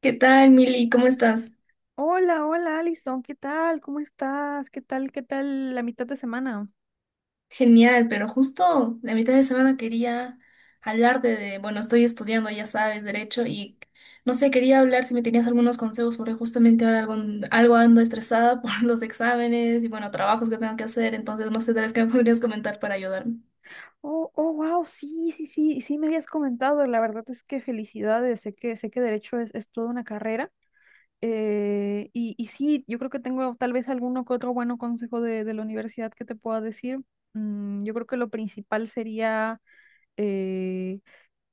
¿Qué tal, Mili? ¿Cómo estás? Hola, hola Alison, ¿qué tal? ¿Cómo estás? ¿Qué tal? ¿Qué tal la mitad de semana? Genial, pero justo la mitad de semana quería hablarte de, bueno, estoy estudiando, ya sabes, derecho y no sé, quería hablar si me tenías algunos consejos porque justamente ahora algo ando estresada por los exámenes y bueno, trabajos que tengo que hacer, entonces no sé, tal vez qué me podrías comentar para ayudarme. Oh, oh, wow, sí, sí, sí, sí me habías comentado. La verdad es que felicidades. Sé que derecho es toda una carrera. Y sí, yo creo que tengo tal vez alguno que otro bueno consejo de la universidad que te pueda decir. Yo creo que lo principal sería eh,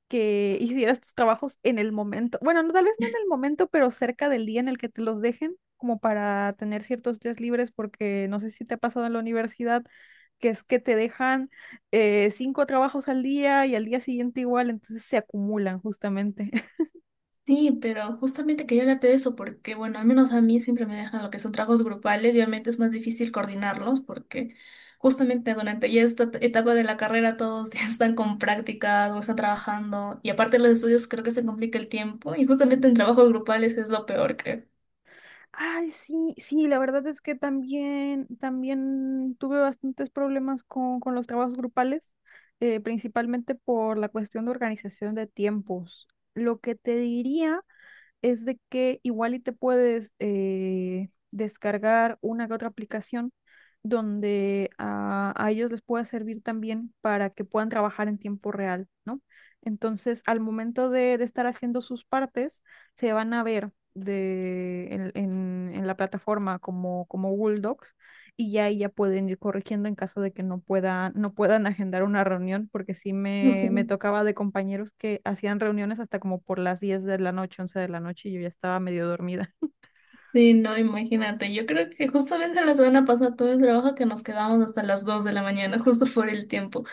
que hicieras tus trabajos en el momento. Bueno, no, tal vez no en el momento, pero cerca del día en el que te los dejen, como para tener ciertos días libres, porque no sé si te ha pasado en la universidad, que es que te dejan cinco trabajos al día y al día siguiente igual, entonces se acumulan justamente. Sí, pero justamente quería hablarte de eso porque, bueno, al menos a mí siempre me dejan lo que son trabajos grupales y obviamente es más difícil coordinarlos porque justamente durante ya esta etapa de la carrera todos ya están con prácticas o están trabajando y aparte de los estudios creo que se complica el tiempo y justamente en trabajos grupales es lo peor, creo. Ay, sí, sí, la verdad es que también tuve bastantes problemas con los trabajos grupales. Principalmente por la cuestión de organización de tiempos. Lo que te diría es de que igual y te puedes descargar una que otra aplicación donde a ellos les pueda servir también para que puedan trabajar en tiempo real, ¿no? Entonces, al momento de estar haciendo sus partes, se van a ver en la plataforma como Google Docs y ya ahí ya pueden ir corrigiendo en caso de que no puedan agendar una reunión, porque sí me, Justo. me tocaba de compañeros que hacían reuniones hasta como por las 10 de la noche, 11 de la noche, y yo ya estaba medio dormida. Sí, no, imagínate, yo creo que justamente la semana pasada tuve un trabajo que nos quedamos hasta las 2 de la mañana justo por el tiempo.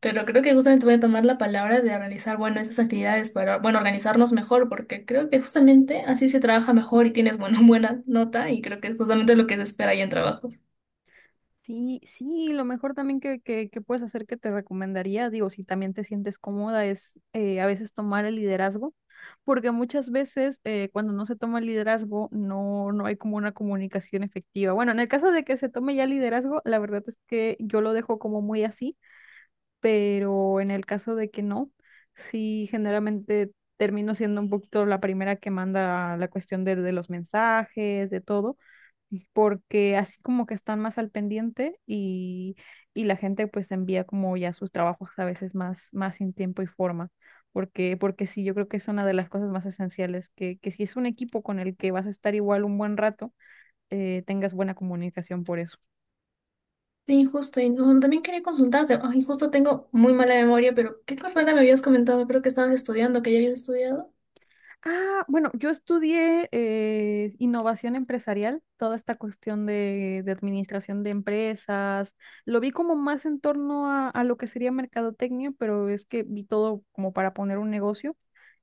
Pero creo que justamente voy a tomar la palabra de realizar, bueno, esas actividades para, bueno, organizarnos mejor, porque creo que justamente así se trabaja mejor y tienes, bueno, buena nota y creo que es justamente lo que se espera ahí en trabajos. Sí, sí, lo mejor también que puedes hacer que te recomendaría, digo, si también te sientes cómoda, es a veces tomar el liderazgo. Porque muchas veces cuando no se toma el liderazgo no hay como una comunicación efectiva. Bueno, en el caso de que se tome ya liderazgo, la verdad es que yo lo dejo como muy así, pero en el caso de que no, sí generalmente termino siendo un poquito la primera que manda la cuestión de los mensajes, de todo, porque así como que están más al pendiente y la gente pues envía como ya sus trabajos a veces más sin tiempo y forma, porque sí, yo creo que es una de las cosas más esenciales, que si es un equipo con el que vas a estar igual un buen rato, tengas buena comunicación por eso. Sí, justo. Y no, también quería consultarte. Ay, justo tengo muy mala memoria, pero ¿qué carrera me habías comentado? Creo que estabas estudiando, que ya habías estudiado. Ah, bueno, yo estudié innovación empresarial, toda esta cuestión de administración de empresas. Lo vi como más en torno a lo que sería mercadotecnia, pero es que vi todo como para poner un negocio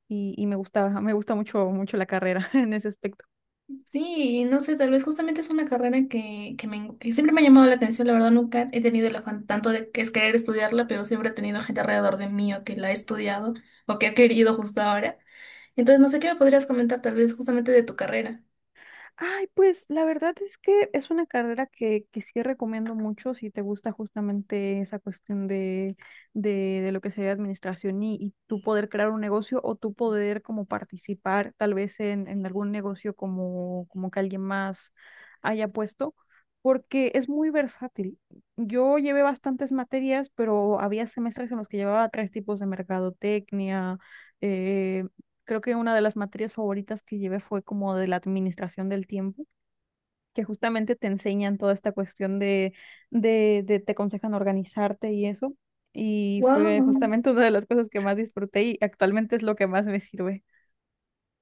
y me gustaba, me gusta mucho, mucho la carrera en ese aspecto. Sí, y no sé, tal vez justamente es una carrera que siempre me ha llamado la atención. La verdad, nunca he tenido el afán tanto de que es querer estudiarla, pero siempre he tenido gente alrededor de mí o que la ha estudiado o que ha querido justo ahora. Entonces, no sé qué me podrías comentar tal vez justamente de tu carrera. Ay, pues la verdad es que es una carrera que sí recomiendo mucho si te gusta justamente esa cuestión de lo que sería administración y tú poder crear un negocio o tú poder como participar tal vez en algún negocio como que alguien más haya puesto, porque es muy versátil. Yo llevé bastantes materias, pero había semestres en los que llevaba tres tipos de mercadotecnia eh, Creo que una de las materias favoritas que llevé fue como de la administración del tiempo, que justamente te enseñan toda esta cuestión de te aconsejan organizarte y eso. Y fue Wow. justamente una de las cosas que más disfruté y actualmente es lo que más me sirve.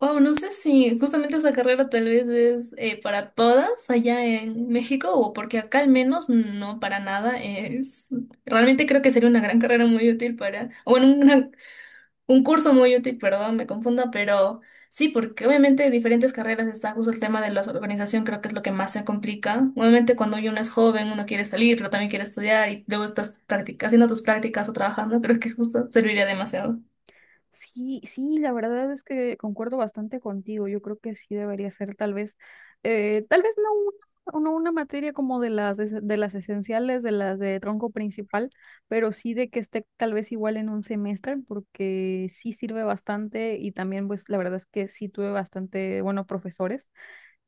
Wow, no sé si justamente esa carrera tal vez es para todas allá en México o porque acá al menos no para nada es. Realmente creo que sería una gran carrera muy útil para, o bueno, una. Un curso muy útil, perdón, me confunda, pero sí, porque obviamente en diferentes carreras está justo el tema de la organización, creo que es lo que más se complica. Obviamente cuando uno es joven, uno quiere salir, pero también quiere estudiar y luego estás haciendo tus prácticas o trabajando, creo que justo serviría demasiado. Sí, sí, la verdad es que concuerdo bastante contigo. Yo creo que sí debería ser tal vez no una materia como de las esenciales, de las de tronco principal, pero sí de que esté tal vez igual en un semestre, porque sí sirve bastante y también pues la verdad es que sí tuve bastante buenos profesores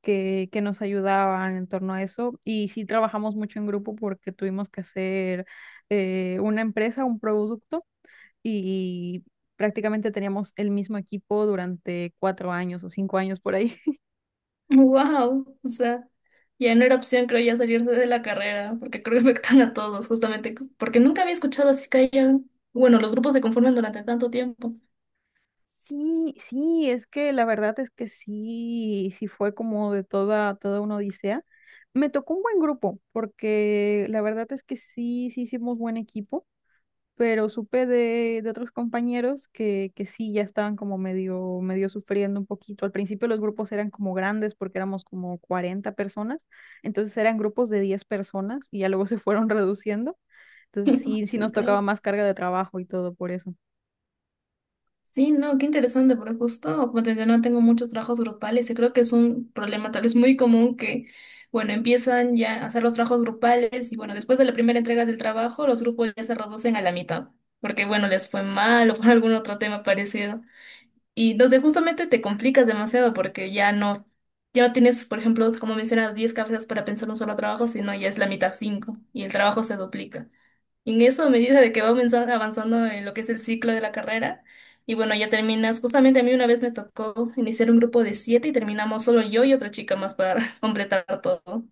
que nos ayudaban en torno a eso y sí trabajamos mucho en grupo porque tuvimos que hacer una empresa, un producto y prácticamente teníamos el mismo equipo durante 4 años o 5 años por ahí. Wow, o sea, ya no era opción, creo, ya salirse de la carrera, porque creo que afectan a todos, justamente, porque nunca había escuchado así que hayan, bueno, los grupos se conforman durante tanto tiempo. Sí, sí, es que la verdad es que sí, sí fue como de toda, toda una odisea. Me tocó un buen grupo, porque la verdad es que sí, sí hicimos buen equipo. Pero supe de otros compañeros que sí, ya estaban como medio, medio sufriendo un poquito. Al principio los grupos eran como grandes porque éramos como 40 personas, entonces eran grupos de 10 personas y ya luego se fueron reduciendo. Entonces sí, sí Sí, nos claro. tocaba más carga de trabajo y todo por eso. Sí, no, qué interesante, porque justo, como te decía, no tengo muchos trabajos grupales y creo que es un problema tal vez muy común que, bueno, empiezan ya a hacer los trabajos grupales y bueno, después de la primera entrega del trabajo, los grupos ya se reducen a la mitad, porque bueno, les fue mal o por algún otro tema parecido. Y los de justamente te complicas demasiado porque ya no tienes, por ejemplo, como mencionas, 10 cabezas para pensar un solo trabajo, sino ya es la mitad 5 y el trabajo se duplica. En eso, a medida de que va avanzando en lo que es el ciclo de la carrera, y bueno, ya terminas. Justamente a mí una vez me tocó iniciar un grupo de siete y terminamos solo yo y otra chica más para completar todo.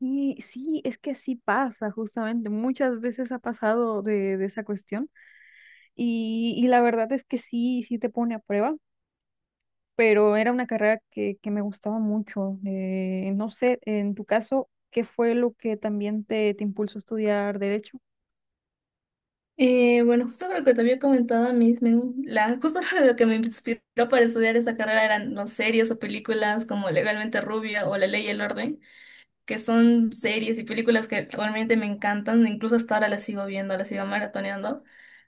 Sí, sí, es que así pasa justamente. Muchas veces ha pasado de esa cuestión y la verdad es que sí, sí te pone a prueba. Pero era una carrera que me gustaba mucho. No sé, en tu caso, ¿qué fue lo que también te impulsó a estudiar derecho? Bueno, justo lo que te había comentado a mí, la, justo lo que me inspiró para estudiar esa carrera eran las series o películas como Legalmente Rubia o La Ley y el Orden, que son series y películas que realmente me encantan, incluso hasta ahora las sigo viendo, las sigo maratoneando.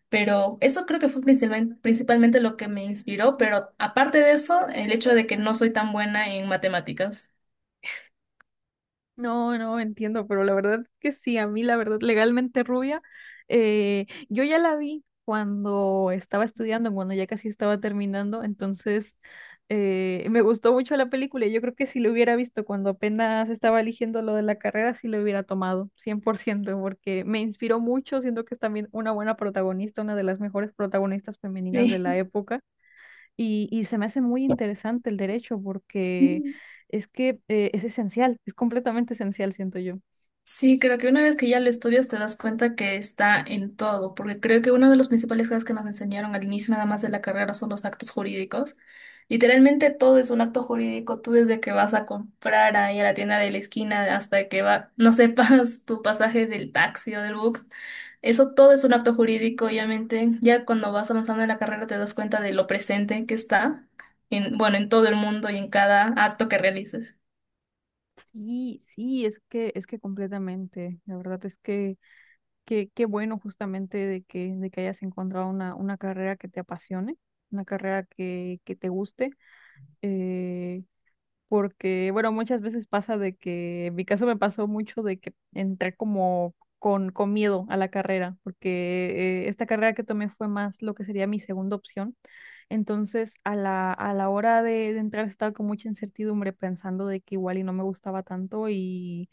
Pero eso creo que fue principalmente lo que me inspiró, pero aparte de eso, el hecho de que no soy tan buena en matemáticas. No, no entiendo, pero la verdad que sí, a mí la verdad, legalmente rubia, yo ya la vi cuando estaba estudiando, cuando ya casi estaba terminando, entonces me gustó mucho la película. Y yo creo que si lo hubiera visto cuando apenas estaba eligiendo lo de la carrera, sí lo hubiera tomado, 100% porque me inspiró mucho, siento que es también una buena protagonista, una de las mejores protagonistas femeninas de la época. Y se me hace muy interesante el derecho porque Sí. es que es esencial, es completamente esencial, siento yo. Sí, creo que una vez que ya lo estudias te das cuenta que está en todo, porque creo que uno de los principales cosas que nos enseñaron al inicio nada más de la carrera son los actos jurídicos. Literalmente todo es un acto jurídico, tú desde que vas a comprar ahí a la tienda de la esquina hasta que va, no sepas tu pasaje del taxi o del bus, eso todo es un acto jurídico, obviamente. Ya cuando vas avanzando en la carrera te das cuenta de lo presente que está en, bueno, en todo el mundo y en cada acto que realices. Sí, sí, es que, completamente. La verdad es que qué bueno justamente de que hayas encontrado una carrera que te apasione, una carrera que te guste. eh, porque, bueno, muchas veces pasa de que, en mi caso me pasó mucho de que entré como con miedo a la carrera, porque esta carrera que tomé fue más lo que sería mi segunda opción. Entonces, a la hora de entrar estaba con mucha incertidumbre pensando de que igual y no me gustaba tanto y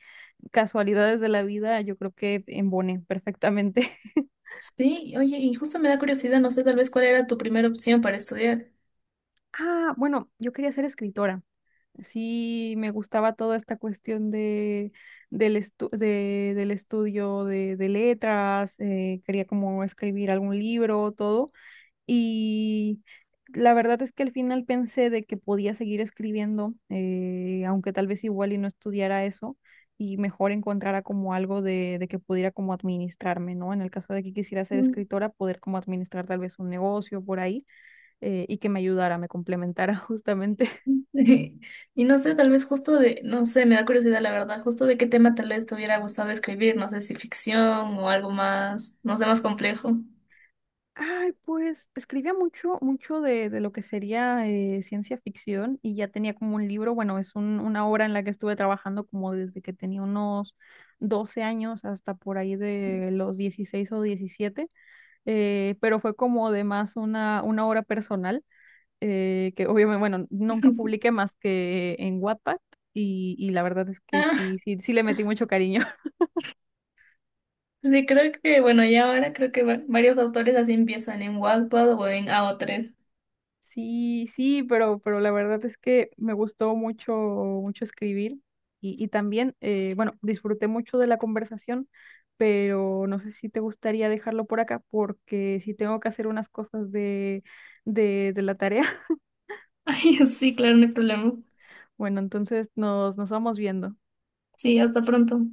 casualidades de la vida, yo creo que emboné perfectamente. Sí, oye, y justo me da curiosidad, no sé tal vez cuál era tu primera opción para estudiar. Ah, bueno, yo quería ser escritora. Sí, me gustaba toda esta cuestión de, del, estu- de- del estudio de letras, quería como escribir algún libro, todo, y la verdad es que al final pensé de que podía seguir escribiendo, aunque tal vez igual y no estudiara eso, y mejor encontrara como algo de que pudiera como administrarme, ¿no? En el caso de que quisiera ser Mm. escritora, poder como administrar tal vez un negocio por ahí, y que me ayudara, me complementara justamente. Y no sé, tal vez justo de, no sé, me da curiosidad la verdad, justo de qué tema tal vez te hubiera gustado escribir, no sé si ficción o algo más, no sé, más complejo. Ay, pues escribía mucho, mucho de lo que sería ciencia ficción y ya tenía como un libro, bueno, es una obra en la que estuve trabajando como desde que tenía unos 12 años hasta por ahí de los 16 o 17. Pero fue como de más una obra personal que obviamente, bueno, nunca publiqué más que en Wattpad y la verdad es que Ah, sí, sí, sí le metí mucho cariño. sí, creo que, bueno, ya ahora creo que varios autores así empiezan en Wattpad o en AO3. Sí, sí, pero la verdad es que me gustó mucho, mucho escribir y también, bueno, disfruté mucho de la conversación, pero no sé si te gustaría dejarlo por acá porque si tengo que hacer unas cosas de la tarea, Ay, sí, claro, no hay problema. bueno, entonces nos vamos viendo. Sí, hasta pronto.